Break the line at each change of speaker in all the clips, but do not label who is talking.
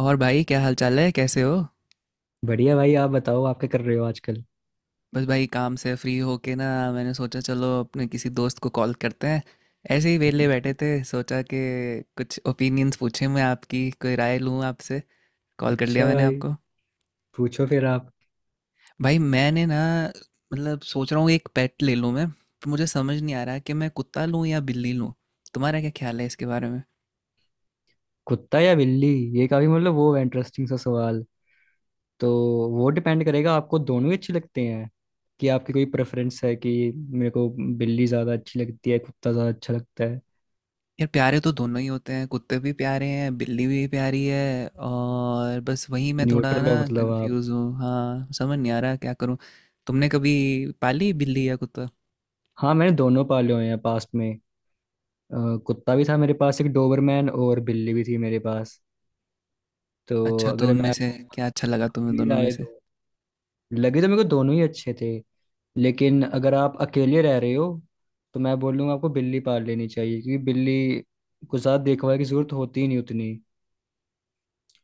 और भाई क्या हाल चाल है, कैसे हो।
बढ़िया भाई। आप बताओ, आप क्या कर रहे हो आजकल?
बस भाई काम से फ्री होके ना मैंने सोचा चलो अपने किसी दोस्त को कॉल करते हैं। ऐसे ही वेले बैठे थे, सोचा कि कुछ ओपिनियंस पूछे, मैं आपकी कोई राय लूँ आपसे, कॉल कर लिया
अच्छा
मैंने
भाई,
आपको।
पूछो फिर आप।
भाई मैंने ना, मतलब सोच रहा हूँ एक पेट ले लूँ मैं, पर मुझे समझ नहीं आ रहा कि मैं कुत्ता लूँ या बिल्ली लूँ। तुम्हारा क्या ख्याल है इसके बारे में।
कुत्ता या बिल्ली? ये काफी मतलब वो है इंटरेस्टिंग सा सवाल। तो वो डिपेंड करेगा, आपको दोनों ही अच्छे लगते हैं कि आपकी कोई प्रेफरेंस है, कि मेरे को बिल्ली ज़्यादा अच्छी लगती है, कुत्ता ज़्यादा अच्छा लगता है।
यार प्यारे तो दोनों ही होते हैं, कुत्ते भी प्यारे हैं, बिल्ली भी प्यारी है, और बस वही मैं थोड़ा
न्यूट्रल
ना
हो मतलब आप?
कंफ्यूज हूँ। हाँ, समझ नहीं आ रहा क्या करूँ। तुमने कभी पाली बिल्ली या कुत्ता।
हाँ, मैंने दोनों पाले हुए हैं पास्ट में। कुत्ता भी था मेरे पास, एक डोबरमैन, और बिल्ली भी थी मेरे पास। तो
अच्छा, तो
अगर मैं
उनमें से
आपको
क्या अच्छा लगा तुम्हें,
अपनी
दोनों में
राय
से।
दूं, लगे तो मेरे को दोनों ही अच्छे थे। लेकिन अगर आप अकेले रह रहे हो, तो मैं बोलूँगा आपको बिल्ली पाल लेनी चाहिए, क्योंकि बिल्ली को साथ देखभाल की जरूरत होती ही नहीं उतनी।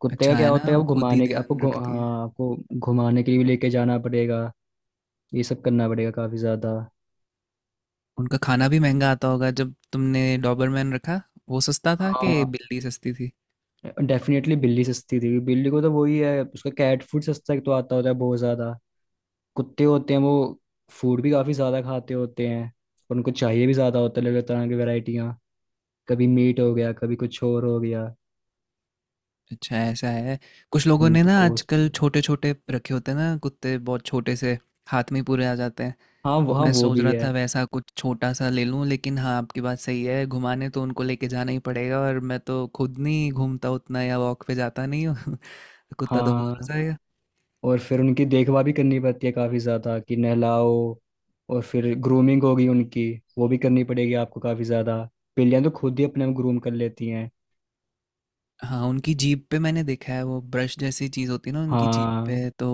कुत्ते का
अच्छा है
क्या होता
ना,
है,
वो
आपको
खुद ही
घुमाने के
ध्यान रखती है।
हाँ, आपको घुमाने के लिए भी लेके जाना पड़ेगा। ये सब करना पड़ेगा काफ़ी ज़्यादा।
उनका खाना भी महंगा आता होगा, जब तुमने डॉबरमैन रखा, वो सस्ता था कि
हाँ,
बिल्ली सस्ती थी।
डेफिनेटली बिल्ली सस्ती थी, बिल्ली को तो वही है, उसका कैट फूड सस्ता एक तो आता होता है, बहुत ज़्यादा कुत्ते होते हैं वो फूड भी काफ़ी ज़्यादा खाते होते हैं, और उनको चाहिए भी ज़्यादा होता है अलग अलग तरह की वेराइटियाँ, कभी मीट हो गया, कभी कुछ और हो गया।
अच्छा, ऐसा है। कुछ लोगों ने
तो
ना
कॉस्ट।
आजकल छोटे छोटे रखे होते हैं ना, कुत्ते बहुत छोटे से, हाथ में ही पूरे आ जाते हैं।
हाँ, वो, हाँ,
मैं
वो
सोच
भी
रहा था
है।
वैसा कुछ छोटा सा ले लूं, लेकिन हाँ आपकी बात सही है, घुमाने तो उनको लेके जाना ही पड़ेगा, और मैं तो खुद नहीं घूमता उतना, या वॉक पे जाता नहीं हूँ। कुत्ता तो बोर हो
हाँ,
जाएगा।
और फिर उनकी देखभाल भी करनी पड़ती है काफी ज्यादा, कि नहलाओ और फिर ग्रूमिंग होगी उनकी, वो भी करनी पड़ेगी आपको काफी ज्यादा। बिल्लियां तो खुद ही अपने आप ग्रूम कर लेती हैं।
हाँ, उनकी जीभ पे मैंने देखा है वो ब्रश जैसी चीज़ होती है ना उनकी जीभ
हाँ,
पे, तो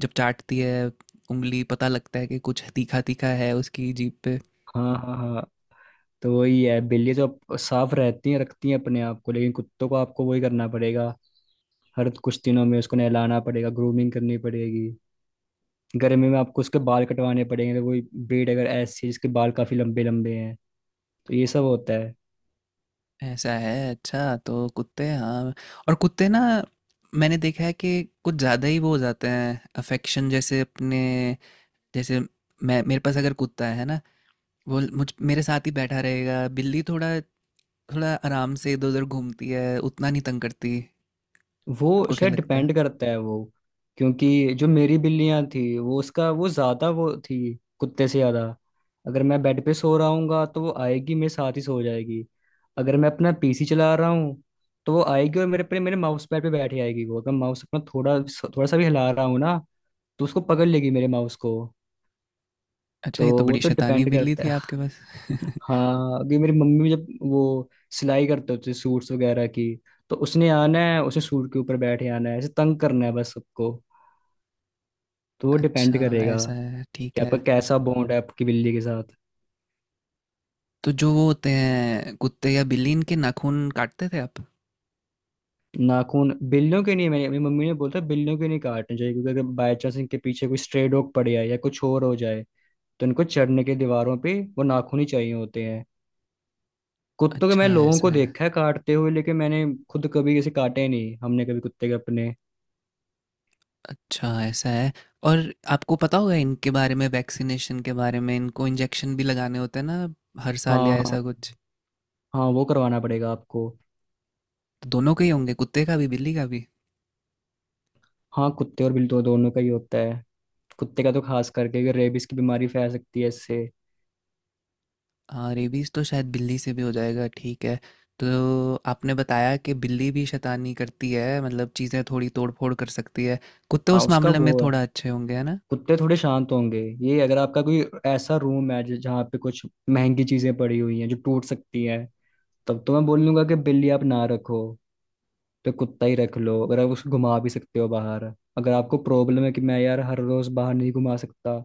जब चाटती है उंगली, पता लगता है कि कुछ तीखा तीखा है उसकी जीभ पे।
हाँ, हाँ। हाँ, तो वही है, बिल्ली तो साफ रहती हैं, रखती हैं अपने आप को, लेकिन कुत्तों को आपको वही करना पड़ेगा, हर कुछ दिनों में उसको नहलाना पड़ेगा, ग्रूमिंग करनी पड़ेगी। गर्मी में आपको उसके बाल कटवाने पड़ेंगे, तो वही ब्रीड अगर ऐसी है जिसके बाल काफी लंबे लंबे हैं, तो ये सब होता है।
ऐसा है। अच्छा तो कुत्ते, हाँ, और कुत्ते ना, मैंने देखा है कि कुछ ज़्यादा ही वो हो जाते हैं अफेक्शन, जैसे अपने, जैसे मैं, मेरे पास अगर कुत्ता है ना, वो मुझ मेरे साथ ही बैठा रहेगा। बिल्ली थोड़ा थोड़ा आराम से इधर उधर घूमती है, उतना नहीं तंग करती।
वो
आपको क्या
शायद
लगता है।
डिपेंड करता है, वो क्योंकि जो मेरी बिल्लियां थी वो उसका वो ज्यादा वो थी, कुत्ते से ज्यादा। अगर मैं बेड पे सो रहा हूँगा, तो वो आएगी मेरे साथ ही सो जाएगी। अगर मैं अपना पीसी चला रहा हूँ, तो वो आएगी और मेरे पे, मेरे माउस पैड पे बैठ जाएगी। वो अगर माउस अपना थोड़ा थोड़ा सा भी हिला रहा हूँ ना, तो उसको पकड़ लेगी, मेरे माउस को।
अच्छा,
तो
ये तो
वो
बड़ी
तो
शैतानी
डिपेंड
बिल्ली थी
करता है।
आपके पास।
हाँ, अभी मेरी मम्मी जब वो सिलाई करते होते सूट्स वगैरह की, तो उसने आना है, उसे सूट के ऊपर बैठे आना है, ऐसे तंग करना है बस सबको। तो वो
अच्छा,
डिपेंड करेगा
ऐसा है, ठीक
कि आपका
है।
कैसा बॉन्ड है आपकी बिल्ली के साथ।
तो जो वो होते हैं कुत्ते या बिल्ली, इनके नाखून काटते थे आप।
नाखून बिल्लियों के नहीं, मैंने, मेरी मम्मी ने बोला था बिल्लियों के नहीं काटने चाहिए, क्योंकि अगर बाई चांस इनके पीछे कोई स्ट्रे डॉग पड़ जाए या कुछ और हो जाए, तो इनको चढ़ने के दीवारों पे वो नाखून ही चाहिए होते हैं। कुत्तों के मैं
अच्छा,
लोगों
ऐसा
को
है।
देखा है काटते हुए, लेकिन मैंने खुद कभी किसी काटे नहीं, हमने कभी कुत्ते के अपने।
अच्छा, ऐसा है। और आपको पता होगा इनके बारे में, वैक्सीनेशन के बारे में, इनको इंजेक्शन भी लगाने होते हैं ना, हर साल
हाँ,
या
हाँ,
ऐसा कुछ।
हाँ। वो करवाना पड़ेगा आपको।
तो दोनों के ही होंगे, कुत्ते का भी बिल्ली का भी।
हाँ, कुत्ते और बिल्ली तो दोनों का ही होता है। कुत्ते का तो खास करके, क्योंकि रेबीज की बीमारी फैल सकती है इससे।
हाँ, रेबीज तो शायद बिल्ली से भी हो जाएगा, ठीक है। तो आपने बताया कि बिल्ली भी शैतानी करती है, मतलब चीज़ें थोड़ी तोड़ फोड़ कर सकती है, कुत्ते
हाँ,
उस
उसका
मामले में
वो है।
थोड़ा अच्छे होंगे, है ना।
कुत्ते थोड़े शांत होंगे। ये अगर आपका कोई ऐसा रूम है जहाँ पे कुछ महंगी चीजें पड़ी हुई हैं जो टूट सकती हैं, तब तो मैं बोल लूंगा कि बिल्ली आप ना रखो, तो कुत्ता ही रख लो, अगर आप उसको घुमा भी सकते हो बाहर। अगर आपको प्रॉब्लम है कि मैं यार हर रोज बाहर नहीं घुमा सकता,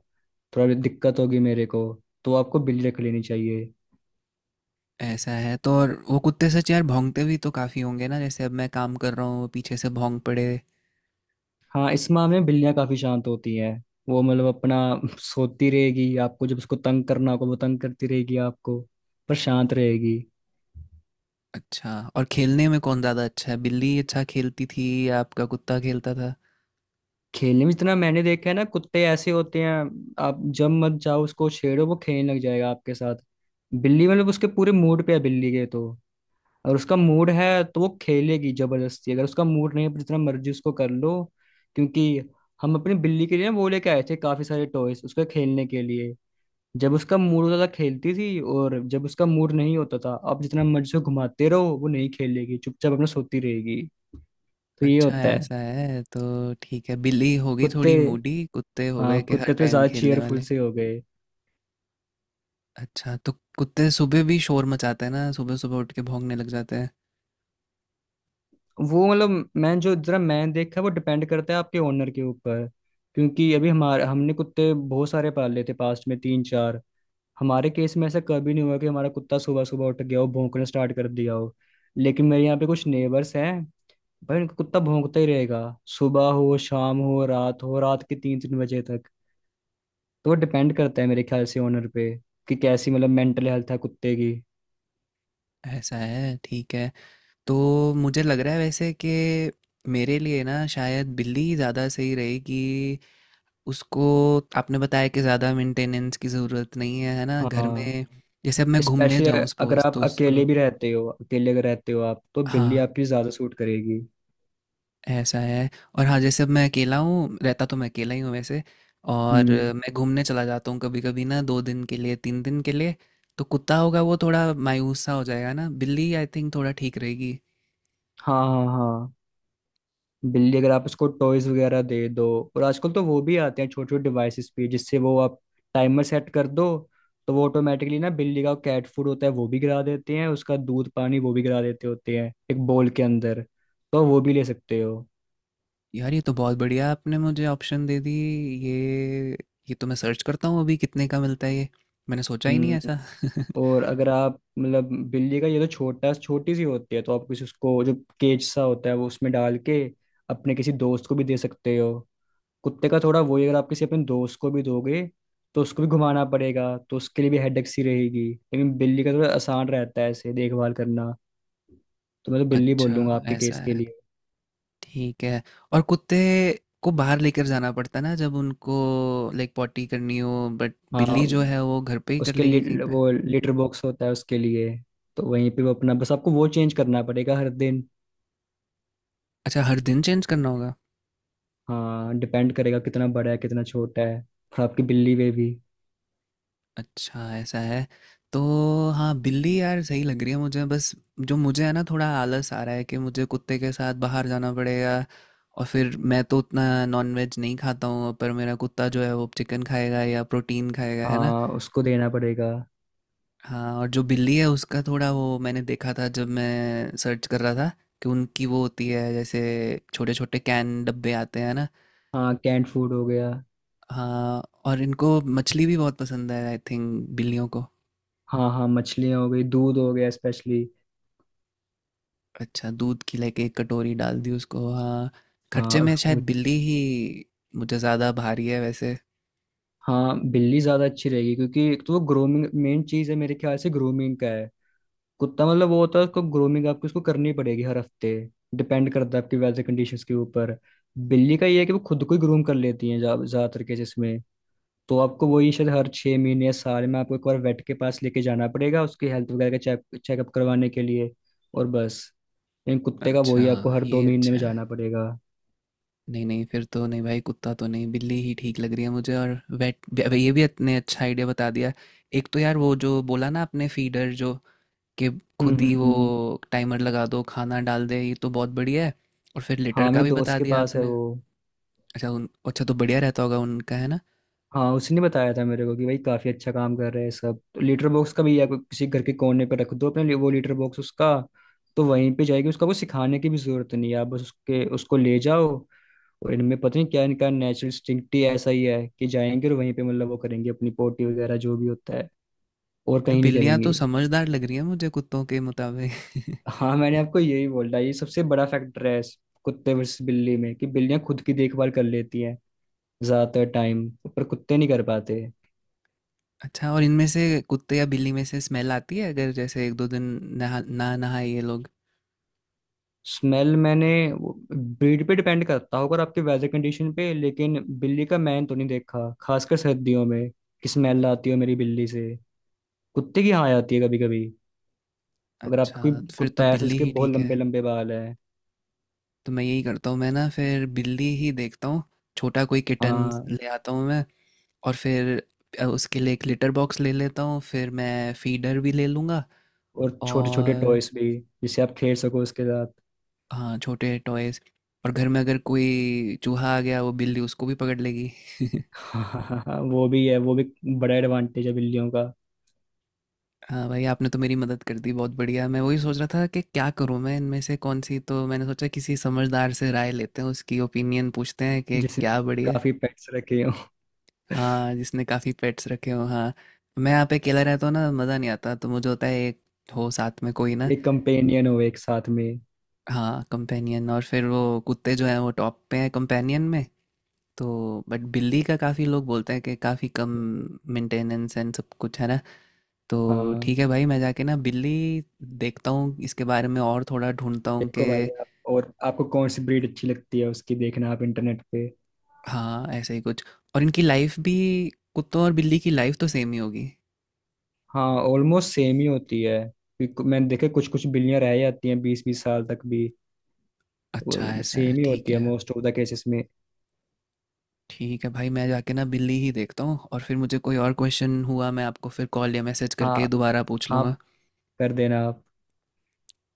थोड़ा दिक्कत होगी मेरे को, तो आपको बिल्ली रख लेनी चाहिए।
ऐसा है, तो और वो कुत्ते सच यार भौंकते भी तो काफ़ी होंगे ना, जैसे अब मैं काम कर रहा हूँ वो पीछे से भौंक पड़े।
हाँ, इस माह में बिल्लियाँ काफी शांत होती हैं। वो मतलब अपना सोती रहेगी, आपको जब उसको तंग करना होगा वो तंग करती रहेगी आपको, पर शांत रहेगी।
अच्छा, और खेलने में कौन ज़्यादा अच्छा है, बिल्ली अच्छा खेलती थी या आपका कुत्ता खेलता था।
खेलने में जितना मैंने देखा है ना, कुत्ते ऐसे होते हैं, आप जब मत जाओ, उसको छेड़ो, वो खेलने लग जाएगा आपके साथ। बिल्ली मतलब उसके पूरे मूड पे है बिल्ली के तो। और उसका मूड है तो वो खेलेगी, जबरदस्ती अगर उसका मूड नहीं है पर जितना मर्जी उसको कर लो। क्योंकि हम अपनी बिल्ली के लिए ना वो लेके आए थे काफी सारे टॉयज उसके खेलने के लिए। जब उसका मूड होता था खेलती थी, और जब उसका मूड नहीं होता था आप जितना मर्जी से घुमाते रहो वो नहीं खेलेगी, चुपचाप अपना सोती रहेगी। तो ये
अच्छा,
होता है।
ऐसा है तो, ठीक है, बिल्ली हो गई
कुत्ते,
थोड़ी मूडी, कुत्ते हो
हाँ,
गए कि हर
कुत्ते तो
टाइम
ज्यादा
खेलने
चेयरफुल
वाले।
से हो गए।
अच्छा, तो कुत्ते सुबह भी शोर मचाते हैं ना, सुबह सुबह उठ के भौंकने लग जाते हैं।
वो मतलब मैं जो जरा मैं देखा, वो डिपेंड करता है आपके ओनर के ऊपर, क्योंकि अभी हमारे, हमने कुत्ते बहुत सारे पाले थे पास्ट में, तीन चार। हमारे केस में ऐसा कभी नहीं हुआ कि हमारा कुत्ता सुबह सुबह उठ गया हो, भौंकना स्टार्ट कर दिया हो। लेकिन मेरे यहाँ पे कुछ नेबर्स हैं भाई, उनका कुत्ता भौंकता ही रहेगा, सुबह हो शाम हो रात हो, रात के तीन तीन बजे तक। तो वो डिपेंड करता है मेरे ख्याल से ओनर पे, कि कैसी मतलब मेंटल हेल्थ है कुत्ते की।
ऐसा है, ठीक है। तो मुझे लग रहा है वैसे कि मेरे लिए ना शायद बिल्ली ज़्यादा सही रहेगी, उसको, आपने बताया कि ज़्यादा मेंटेनेंस की ज़रूरत नहीं है, है ना, घर
हाँ,
में। जैसे अब मैं घूमने
स्पेशली
जाऊँ,
अगर
सपोज,
आप
तो उसको।
अकेले भी रहते हो, अकेले अगर रहते हो आप, तो बिल्ली
हाँ,
आपकी ज्यादा सूट करेगी।
ऐसा है। और हाँ जैसे अब मैं अकेला हूँ, रहता तो मैं अकेला ही हूँ वैसे, और
हम्म,
मैं घूमने चला जाता हूँ कभी कभी ना, दो दिन के लिए, तीन दिन के लिए। तो कुत्ता होगा वो थोड़ा मायूस सा हो जाएगा ना, बिल्ली आई थिंक थोड़ा ठीक रहेगी।
हाँ, हाँ, हाँ। बिल्ली, अगर आप उसको टॉयज वगैरह दे दो, और आजकल तो वो भी आते हैं छोटे छोटे डिवाइसेस पे, जिससे वो, आप टाइमर सेट कर दो, तो वो ऑटोमेटिकली ना बिल्ली का कैट फूड होता है वो भी गिरा देते हैं, उसका दूध पानी वो भी गिरा देते होते हैं एक बोल के अंदर, तो वो भी ले सकते हो।
यार ये तो बहुत बढ़िया आपने मुझे ऑप्शन दे दी, ये ये तो मैं सर्च करता हूँ अभी कितने का मिलता है ये, मैंने सोचा ही नहीं
हम्म।
ऐसा।
और अगर आप मतलब बिल्ली का ये तो छोटा छोटी सी होती है, तो आप किसी, उसको जो केज सा होता है वो उसमें डाल के अपने किसी दोस्त को भी दे सकते हो। कुत्ते का थोड़ा वही, अगर आप किसी अपने दोस्त को भी दोगे, तो उसको भी घुमाना पड़ेगा, तो उसके लिए भी हेडेक सी रहेगी, लेकिन बिल्ली का थोड़ा आसान रहता है ऐसे देखभाल करना। तो मैं तो बिल्ली
अच्छा,
बोलूंगा आपके
ऐसा
केस के
है,
लिए।
ठीक है। और कुत्ते को बाहर लेकर जाना पड़ता है ना, जब उनको लाइक पॉटी करनी हो, बट बिल्ली जो
हाँ,
है वो घर पे ही कर
उसके
लेगी कहीं
लिए
पे।
वो लेटर बॉक्स होता है उसके लिए, तो वहीं पे वो अपना, बस आपको वो चेंज करना पड़ेगा हर दिन।
अच्छा, हर दिन चेंज करना होगा।
हाँ, डिपेंड करेगा कितना बड़ा है कितना छोटा है, और आपकी बिल्ली पे भी।
अच्छा, ऐसा है। तो हाँ, बिल्ली यार सही लग रही है मुझे, बस जो मुझे है ना थोड़ा आलस आ रहा है कि मुझे कुत्ते के साथ बाहर जाना पड़ेगा, और फिर मैं तो उतना नॉनवेज नहीं खाता हूँ, पर मेरा कुत्ता जो है वो चिकन खाएगा या प्रोटीन खाएगा, है ना।
हाँ, उसको देना पड़ेगा।
हाँ, और जो बिल्ली है उसका थोड़ा वो, मैंने देखा था जब मैं सर्च कर रहा था कि उनकी वो होती है जैसे छोटे छोटे कैन डब्बे आते हैं ना।
हाँ, कैंट फूड हो गया।
हाँ, और इनको मछली भी बहुत पसंद है आई थिंक, बिल्लियों को।
हाँ, हाँ, मछलियाँ हो गई, दूध हो गया, स्पेशली।
अच्छा, दूध की लाइक एक कटोरी डाल दी उसको, हाँ।
हाँ,
खर्चे
और
में
वो,
शायद बिल्ली ही मुझे ज़्यादा भारी है वैसे।
हाँ, बिल्ली ज्यादा अच्छी रहेगी, क्योंकि एक तो वो ग्रूमिंग मेन चीज है मेरे ख्याल से, ग्रूमिंग का है। कुत्ता मतलब वो होता है, उसको ग्रूमिंग आपको उसको करनी पड़ेगी हर हफ्ते, डिपेंड करता है आपकी वेदर कंडीशंस के ऊपर। बिल्ली का ये है कि वो खुद को ही ग्रूम कर लेती है ज्यादातर केसेस में। तो आपको वही शायद हर 6 महीने या साल में आपको एक बार वेट के पास लेके जाना पड़ेगा, उसकी हेल्थ वगैरह का चेकअप करवाने के लिए, और बस। लेकिन कुत्ते का
अच्छा,
वही आपको
हाँ,
हर दो
ये
महीने
अच्छा
में जाना
है।
पड़ेगा।
नहीं नहीं, फिर तो नहीं भाई, कुत्ता तो नहीं, बिल्ली ही ठीक लग रही है मुझे। और वेट, ये भी इतने अच्छा आइडिया बता दिया। एक तो यार वो जो बोला ना आपने फीडर जो कि
हम्म,
खुद
हम्म,
ही वो टाइमर लगा दो, खाना डाल दे, ये तो बहुत बढ़िया है। और फिर लिटर
हाँ,
का
मेरे
भी
दोस्त
बता
के
दिया
पास है
आपने।
वो।
अच्छा, उन, अच्छा तो बढ़िया रहता होगा उनका, है ना।
हाँ, उसने बताया था मेरे को कि भाई काफी अच्छा काम कर रहे हैं सब, तो लीटर बॉक्स का भी, या किसी घर के कोने पर रख दो अपने लिए वो लीटर बॉक्स उसका, तो वहीं पे जाएगी। उसका कुछ सिखाने की भी जरूरत नहीं है, आप बस उसके, उसको ले जाओ, और इनमें पता नहीं क्या, इनका नेचुरल इंस्टिंक्ट ही ऐसा ही है कि जाएंगे और वहीं पे मतलब वो करेंगे अपनी पोटी वगैरह जो भी होता है, और
यार
कहीं नहीं
बिल्लियाँ तो
करेंगी।
समझदार लग रही है मुझे कुत्तों के मुताबिक।
हाँ, मैंने आपको यही बोला, ये सबसे बड़ा फैक्टर है इस कुत्ते वर्सेस बिल्ली में, कि बिल्लियां खुद की देखभाल कर लेती हैं ज्यादातर टाइम, पर कुत्ते नहीं कर पाते।
अच्छा, और इनमें से कुत्ते या बिल्ली में से स्मेल आती है अगर जैसे एक दो दिन नहा ना नहाए ये लोग।
स्मेल, मैंने, ब्रीड पे डिपेंड करता होगा और आपके वेदर कंडीशन पे, लेकिन बिल्ली का मैंने तो नहीं देखा, खासकर सर्दियों में, कि स्मेल आती हो मेरी बिल्ली से। कुत्ते की, हाँ, आती है कभी कभी, अगर आपका
अच्छा,
कोई
तो फिर तो
कुत्ता है ऐसे
बिल्ली
जिसके
ही
बहुत
ठीक है।
लंबे लंबे बाल हैं।
तो मैं यही करता हूँ, मैं ना फिर बिल्ली ही देखता हूँ, छोटा कोई किटन
हाँ।
ले आता हूँ मैं। और फिर उसके लिए एक लिटर बॉक्स ले लेता हूँ, फिर मैं फीडर भी ले लूँगा।
और छोटे छोटे
और
टॉयस भी, जिससे आप खेल सको उसके साथ।
हाँ छोटे टॉयज। और घर में अगर कोई चूहा आ गया वो बिल्ली उसको भी पकड़ लेगी।
हाँ, वो भी है, वो भी। बड़ा एडवांटेज है बिल्लियों का।
हाँ भाई, आपने तो मेरी मदद कर दी, बहुत बढ़िया। मैं वही सोच रहा था कि क्या करूँ मैं इनमें से कौन सी, तो मैंने सोचा किसी समझदार से राय लेते हैं, उसकी ओपिनियन पूछते हैं कि
जिसने
क्या बढ़िया।
काफी पेट्स रखे हो।
हाँ, जिसने काफ़ी पेट्स रखे हो, हाँ। मैं यहाँ पे अकेला रहता हूँ ना, मज़ा नहीं आता, तो मुझे होता है एक हो साथ में कोई ना।
एक कंपेनियन हो एक साथ में।
हाँ, कंपेनियन, और फिर वो कुत्ते जो हैं वो टॉप पे हैं कंपेनियन में। तो बट बिल्ली का काफ़ी लोग बोलते हैं कि काफ़ी कम मेंटेनेंस एंड सब कुछ, है ना। तो
हाँ।
ठीक है भाई, मैं जाके ना बिल्ली देखता हूँ इसके बारे में, और थोड़ा ढूंढता हूँ
देखो
कि।
भाई आप, और आपको कौन सी ब्रीड अच्छी लगती है उसकी देखना आप इंटरनेट पे।
हाँ ऐसे ही कुछ। और इनकी लाइफ भी, कुत्तों और बिल्ली की लाइफ तो सेम ही होगी।
हाँ, ऑलमोस्ट सेम ही होती है, क्योंकि मैंने देखे कुछ कुछ बिल्लियां रह जाती हैं बीस बीस साल तक भी।
अच्छा,
तो
ऐसा है,
सेम ही
ठीक
होती है
है।
मोस्ट ऑफ द केसेस में।
ठीक है भाई, मैं जाके ना बिल्ली ही देखता हूँ, और फिर मुझे कोई और क्वेश्चन हुआ मैं आपको फिर कॉल या मैसेज करके
हाँ।
दोबारा पूछ लूँगा।
आप कर देना आप।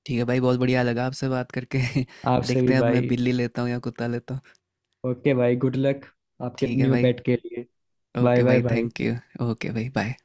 ठीक है भाई, बहुत बढ़िया लगा आपसे बात करके।
आपसे
देखते
भी
हैं अब मैं
भाई।
बिल्ली लेता हूँ या कुत्ता लेता हूँ।
ओके भाई, गुड लक आपके
ठीक है
न्यू
भाई,
पेट के लिए। बाय
ओके
बाय
भाई
भाई।
Thank you. ओके भाई बाय।